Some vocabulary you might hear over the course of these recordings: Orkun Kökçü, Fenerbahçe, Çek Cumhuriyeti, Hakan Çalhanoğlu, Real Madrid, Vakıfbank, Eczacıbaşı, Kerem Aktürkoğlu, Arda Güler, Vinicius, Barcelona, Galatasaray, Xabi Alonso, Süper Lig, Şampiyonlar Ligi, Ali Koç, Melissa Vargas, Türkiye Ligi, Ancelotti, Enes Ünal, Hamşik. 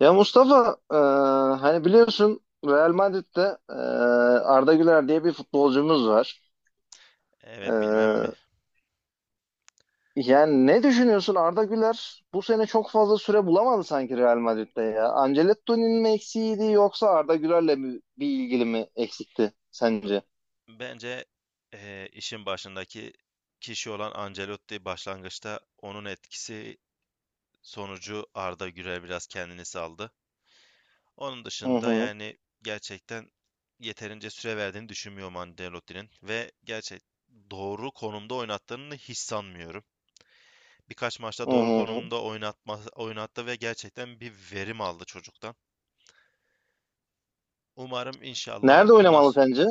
Ya Mustafa, hani biliyorsun Real Madrid'de, Arda Güler diye bir futbolcumuz var. Evet bilmem mi? E, yani ne düşünüyorsun? Arda Güler bu sene çok fazla süre bulamadı sanki Real Madrid'de ya. Ancelotti'nin mi eksiğiydi yoksa Arda Güler'le mi bir ilgili mi eksikti sence? Bence işin başındaki kişi olan Ancelotti başlangıçta onun etkisi sonucu Arda Güler biraz kendini saldı. Onun Hı dışında hı, yani gerçekten yeterince süre verdiğini düşünmüyorum Ancelotti'nin ve gerçek doğru konumda oynattığını hiç sanmıyorum. Birkaç maçta hı doğru hı. konumda oynatma, oynattı ve gerçekten bir verim aldı çocuktan. Umarım inşallah Nerede bundan. oynamalı sence?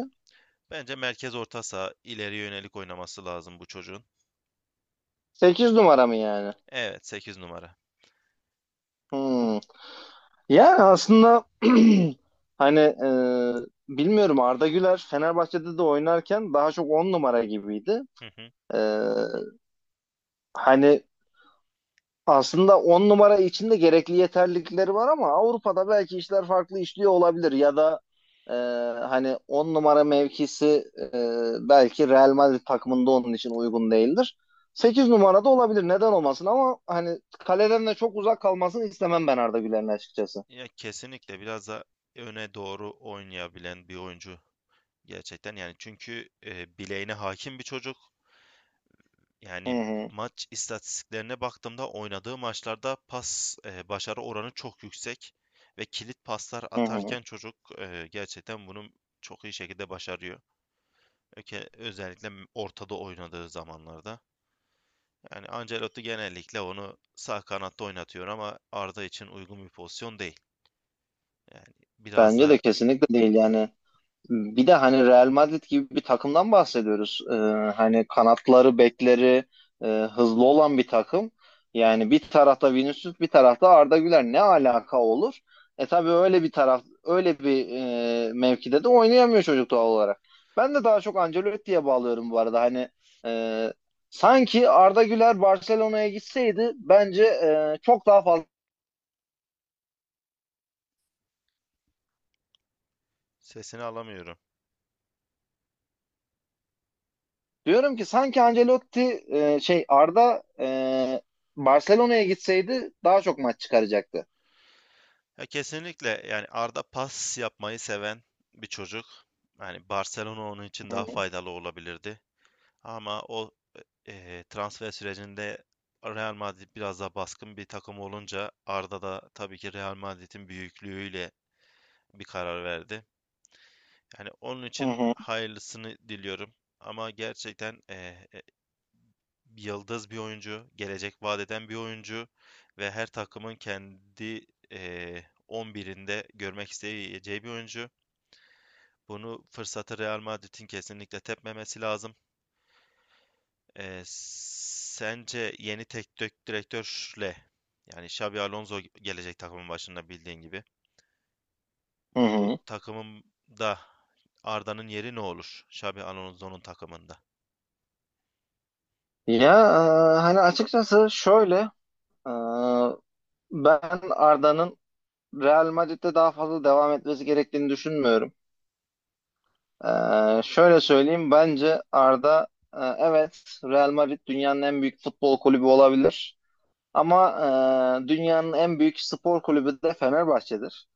Bence merkez orta saha ileriye yönelik oynaması lazım bu çocuğun. 8 numara mı yani? Evet, 8 numara. Bu, Hı. Yani aslında hani, bilmiyorum, Arda Güler Fenerbahçe'de de oynarken daha çok 10 numara gibiydi. hı hı. E, hani aslında 10 numara için de gerekli yeterlilikleri var, ama Avrupa'da belki işler farklı işliyor olabilir ya da e, hani 10 numara mevkisi belki Real Madrid takımında onun için uygun değildir. 8 numarada olabilir, neden olmasın? Ama hani kaleden de çok uzak kalmasını istemem ben Arda Güler'in açıkçası. Ya kesinlikle biraz da öne doğru oynayabilen bir oyuncu gerçekten. Yani çünkü bileğine hakim bir çocuk. Hı Yani hı. maç istatistiklerine baktığımda oynadığı maçlarda pas başarı oranı çok yüksek ve kilit paslar Hı hı. atarken çocuk gerçekten bunu çok iyi şekilde başarıyor. Özellikle ortada oynadığı zamanlarda. Yani Ancelotti genellikle onu sağ kanatta oynatıyor ama Arda için uygun bir pozisyon değil. Yani biraz Bence de da kesinlikle değil yani. Bir de hani Real Madrid gibi bir takımdan bahsediyoruz. Hani kanatları, bekleri hızlı olan bir takım. Yani bir tarafta Vinicius, bir tarafta Arda Güler. Ne alaka olur? Tabii öyle bir taraf, öyle bir mevkide de oynayamıyor çocuk doğal olarak. Ben de daha çok Ancelotti'ye bağlıyorum bu arada. Hani, e, sanki Arda Güler Barcelona'ya gitseydi bence çok daha fazla. sesini alamıyorum. Diyorum ki sanki Ancelotti, şey, Arda, Barcelona'ya gitseydi daha çok maç çıkaracaktı. Ya kesinlikle yani Arda pas yapmayı seven bir çocuk. Yani Barcelona onun için daha Hı faydalı olabilirdi. Ama o transfer sürecinde Real Madrid biraz daha baskın bir takım olunca Arda da tabii ki Real Madrid'in büyüklüğüyle bir karar verdi. Yani onun için hı, hayırlısını diliyorum. Ama gerçekten yıldız bir oyuncu, gelecek vaat eden bir oyuncu ve her takımın kendi 11'inde görmek isteyeceği bir oyuncu. Bunu fırsatı Real Madrid'in kesinlikle tepmemesi lazım. Sence yeni teknik direktörle yani Xabi Alonso gelecek takımın başında bildiğin gibi. hı hı. Bu Hı. takımın da Arda'nın yeri ne olur? Xabi Alonso'nun takımında. Ya, hani açıkçası şöyle, e, ben Arda'nın Real Madrid'de daha fazla devam etmesi gerektiğini düşünmüyorum. Şöyle söyleyeyim, bence Arda, evet, Real Madrid dünyanın en büyük futbol kulübü olabilir. Ama dünyanın en büyük spor kulübü de Fenerbahçe'dir.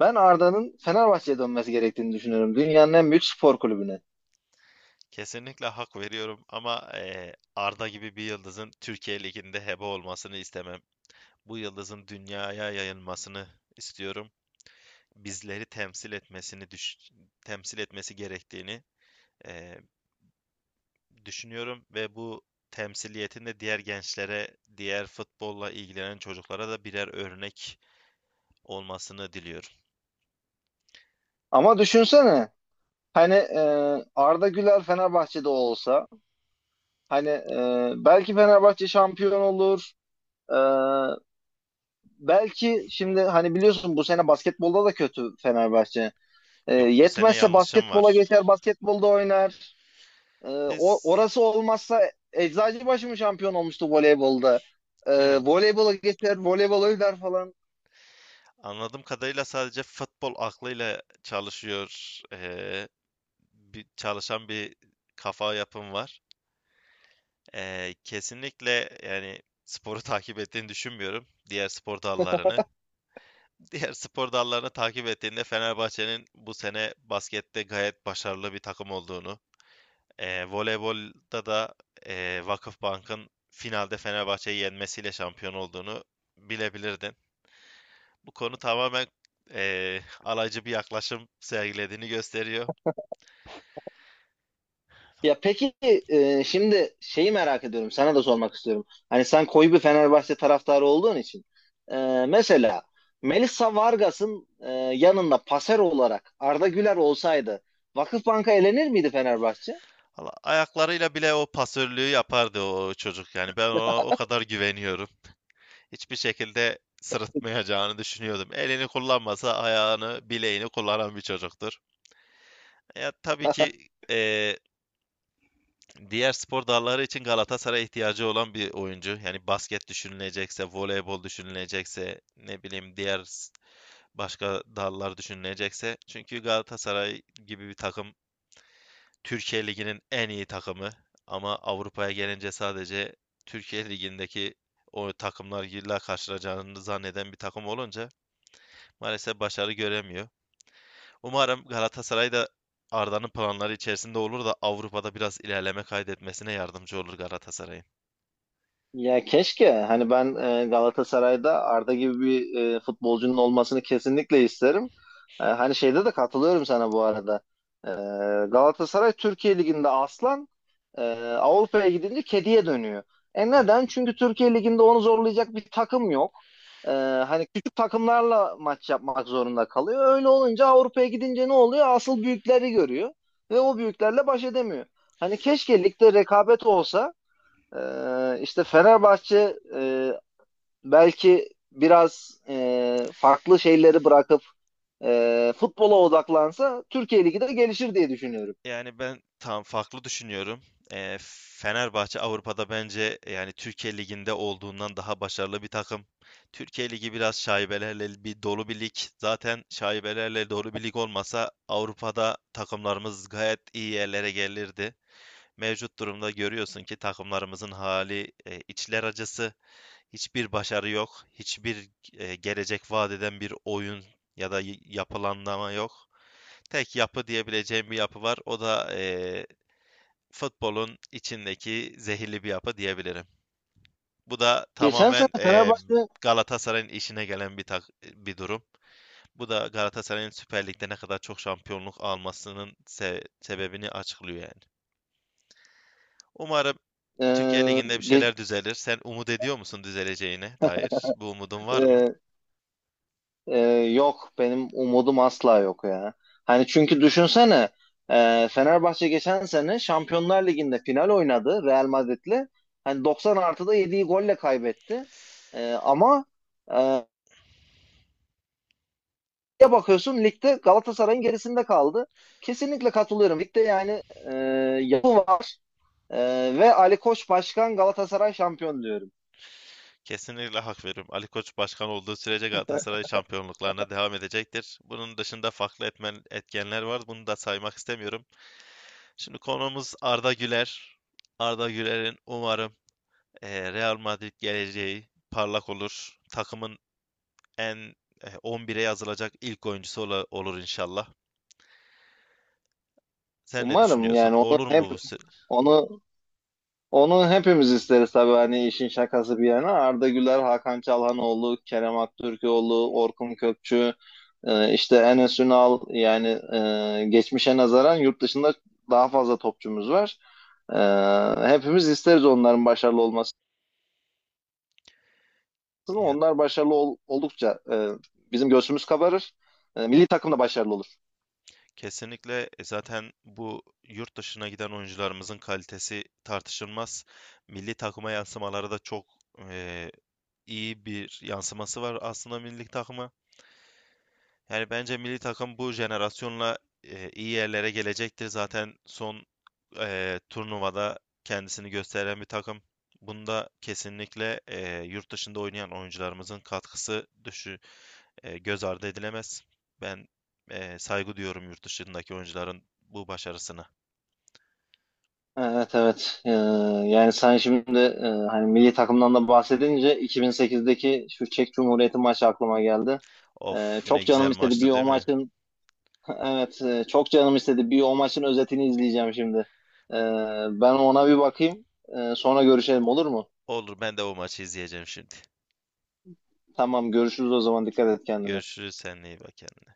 Ben Arda'nın Fenerbahçe'ye dönmesi gerektiğini düşünüyorum. Dünyanın en büyük spor kulübüne. Kesinlikle hak veriyorum ama Arda gibi bir yıldızın Türkiye Ligi'nde hebe olmasını istemem. Bu yıldızın dünyaya yayılmasını istiyorum. Bizleri temsil etmesi gerektiğini eee, düşünüyorum ve bu temsiliyetin de diğer gençlere, diğer futbolla ilgilenen çocuklara da birer örnek olmasını diliyorum. Ama düşünsene hani, Arda Güler Fenerbahçe'de olsa, hani, belki Fenerbahçe şampiyon olur. E, belki şimdi, hani biliyorsun, bu sene basketbolda da kötü Fenerbahçe. E, Yok bu sene yetmezse yanlışım basketbola var. geçer, basketbolda oynar. E, o, Biz orası olmazsa Eczacıbaşı mı şampiyon olmuştu voleybolda? E, evet, voleybola geçer, voleybol oynar falan. anladığım kadarıyla sadece futbol aklıyla çalışıyor bir çalışan bir kafa yapım var. Kesinlikle yani sporu takip ettiğini düşünmüyorum. Diğer spor dallarını. Diğer spor dallarını takip ettiğinde Fenerbahçe'nin bu sene baskette gayet başarılı bir takım olduğunu, voleybolda da Vakıfbank'ın finalde Fenerbahçe'yi yenmesiyle şampiyon olduğunu bilebilirdin. Bu konu tamamen alaycı bir yaklaşım sergilediğini gösteriyor. Ya peki, şimdi şeyi merak ediyorum. Sana da sormak istiyorum. Hani sen koyu bir Fenerbahçe taraftarı olduğun için, e, mesela Melissa Vargas'ın yanında paser olarak Arda Güler olsaydı, Vakıfbank'a elenir miydi Fenerbahçe? Valla ayaklarıyla bile o pasörlüğü yapardı o çocuk. Yani ben ona o kadar güveniyorum. Hiçbir şekilde sırıtmayacağını düşünüyordum. Elini kullanmasa ayağını, bileğini kullanan bir çocuktur. Ya tabii ki eee, diğer spor dalları için Galatasaray'a ihtiyacı olan bir oyuncu. Yani basket düşünülecekse, voleybol düşünülecekse, ne bileyim başka dallar düşünülecekse. Çünkü Galatasaray gibi bir takım Türkiye Ligi'nin en iyi takımı ama Avrupa'ya gelince sadece Türkiye Ligi'ndeki o takımlarla karşılaşacağını zanneden bir takım olunca maalesef başarı göremiyor. Umarım Galatasaray da Arda'nın planları içerisinde olur da Avrupa'da biraz ilerleme kaydetmesine yardımcı olur Galatasaray'ın. Ya keşke, hani, ben Galatasaray'da Arda gibi bir futbolcunun olmasını kesinlikle isterim. Hani şeyde de katılıyorum sana bu arada. E, Galatasaray Türkiye Ligi'nde aslan, e, Avrupa'ya gidince kediye dönüyor. Neden? Çünkü Türkiye Ligi'nde onu zorlayacak bir takım yok. E, hani küçük takımlarla maç yapmak zorunda kalıyor. Öyle olunca Avrupa'ya gidince ne oluyor? Asıl büyükleri görüyor ve o büyüklerle baş edemiyor. Hani keşke ligde rekabet olsa. İşte Fenerbahçe belki biraz farklı şeyleri bırakıp futbola odaklansa Türkiye Ligi de gelişir diye düşünüyorum. Yani ben tam farklı düşünüyorum. Fenerbahçe Avrupa'da bence yani Türkiye Ligi'nde olduğundan daha başarılı bir takım. Türkiye Ligi biraz şaibelerle bir dolu bir lig. Zaten şaibelerle dolu bir lig olmasa Avrupa'da takımlarımız gayet iyi yerlere gelirdi. Mevcut durumda görüyorsun ki takımlarımızın hali içler acısı. Hiçbir başarı yok. Hiçbir gelecek vaat eden bir oyun ya da yapılanlama yok, tek yapı diyebileceğim bir yapı var. O da e, futbolun içindeki zehirli bir yapı diyebilirim. Bu da Geçen sene tamamen Fenerbahçe. Galatasaray'ın işine gelen bir durum. Bu da Galatasaray'ın Süper Lig'de ne kadar çok şampiyonluk almasının sebebini açıklıyor yani. Umarım Türkiye e, Ligi'nde bir ge- şeyler düzelir. Sen umut ediyor musun düzeleceğine dair? Bu umudun var mı? e, e, yok benim umudum asla yok ya. Hani çünkü düşünsene, Fenerbahçe geçen sene Şampiyonlar Ligi'nde final oynadı Real Madrid'le. Hani 90 artıda yediği golle kaybetti. Ama, e, ya bakıyorsun ligde Galatasaray'ın gerisinde kaldı. Kesinlikle katılıyorum. Ligde, yani, e, yapı var. E, ve Ali Koç başkan, Galatasaray şampiyon diyorum. Kesinlikle hak veriyorum. Ali Koç başkan olduğu sürece Galatasaray şampiyonluklarına devam edecektir. Bunun dışında farklı etkenler var. Bunu da saymak istemiyorum. Şimdi konumuz Arda Güler. Arda Güler'in umarım Real Madrid geleceği parlak olur. Takımın en 11'e yazılacak ilk olur inşallah. Sen ne Umarım düşünüyorsun? yani, Olur mu bu? Onu onu hepimiz isteriz, tabii, hani işin şakası bir yana. Arda Güler, Hakan Çalhanoğlu, Kerem Aktürkoğlu, Orkun Kökçü, işte Enes Ünal, yani geçmişe nazaran yurt dışında daha fazla topçumuz var. Hepimiz isteriz onların başarılı olmasını. Ama Ya, onlar başarılı oldukça bizim göğsümüz kabarır. Milli takım da başarılı olur. kesinlikle zaten bu yurt dışına giden oyuncularımızın kalitesi tartışılmaz. Milli takıma yansımaları da çok eee, iyi bir yansıması var aslında milli takıma. Yani bence milli takım bu jenerasyonla iyi yerlere gelecektir. Zaten son turnuvada kendisini gösteren bir takım. Bunda kesinlikle yurt dışında oynayan oyuncularımızın katkısı göz ardı edilemez. Ben saygı duyuyorum yurt dışındaki oyuncuların bu başarısına. Evet, evet. Yani sen şimdi, hani milli takımdan da bahsedince, 2008'deki şu Çek Cumhuriyeti maçı aklıma geldi. E, Of, ne çok güzel canım istedi bir maçtı, o değil mi? maçın evet, çok canım istedi bir o maçın özetini izleyeceğim şimdi. E, ben ona bir bakayım. Sonra görüşelim, olur mu? Olur, ben de o maçı izleyeceğim şimdi. Tamam, görüşürüz o zaman. Dikkat et kendine. Görüşürüz seninle, iyi bak kendine.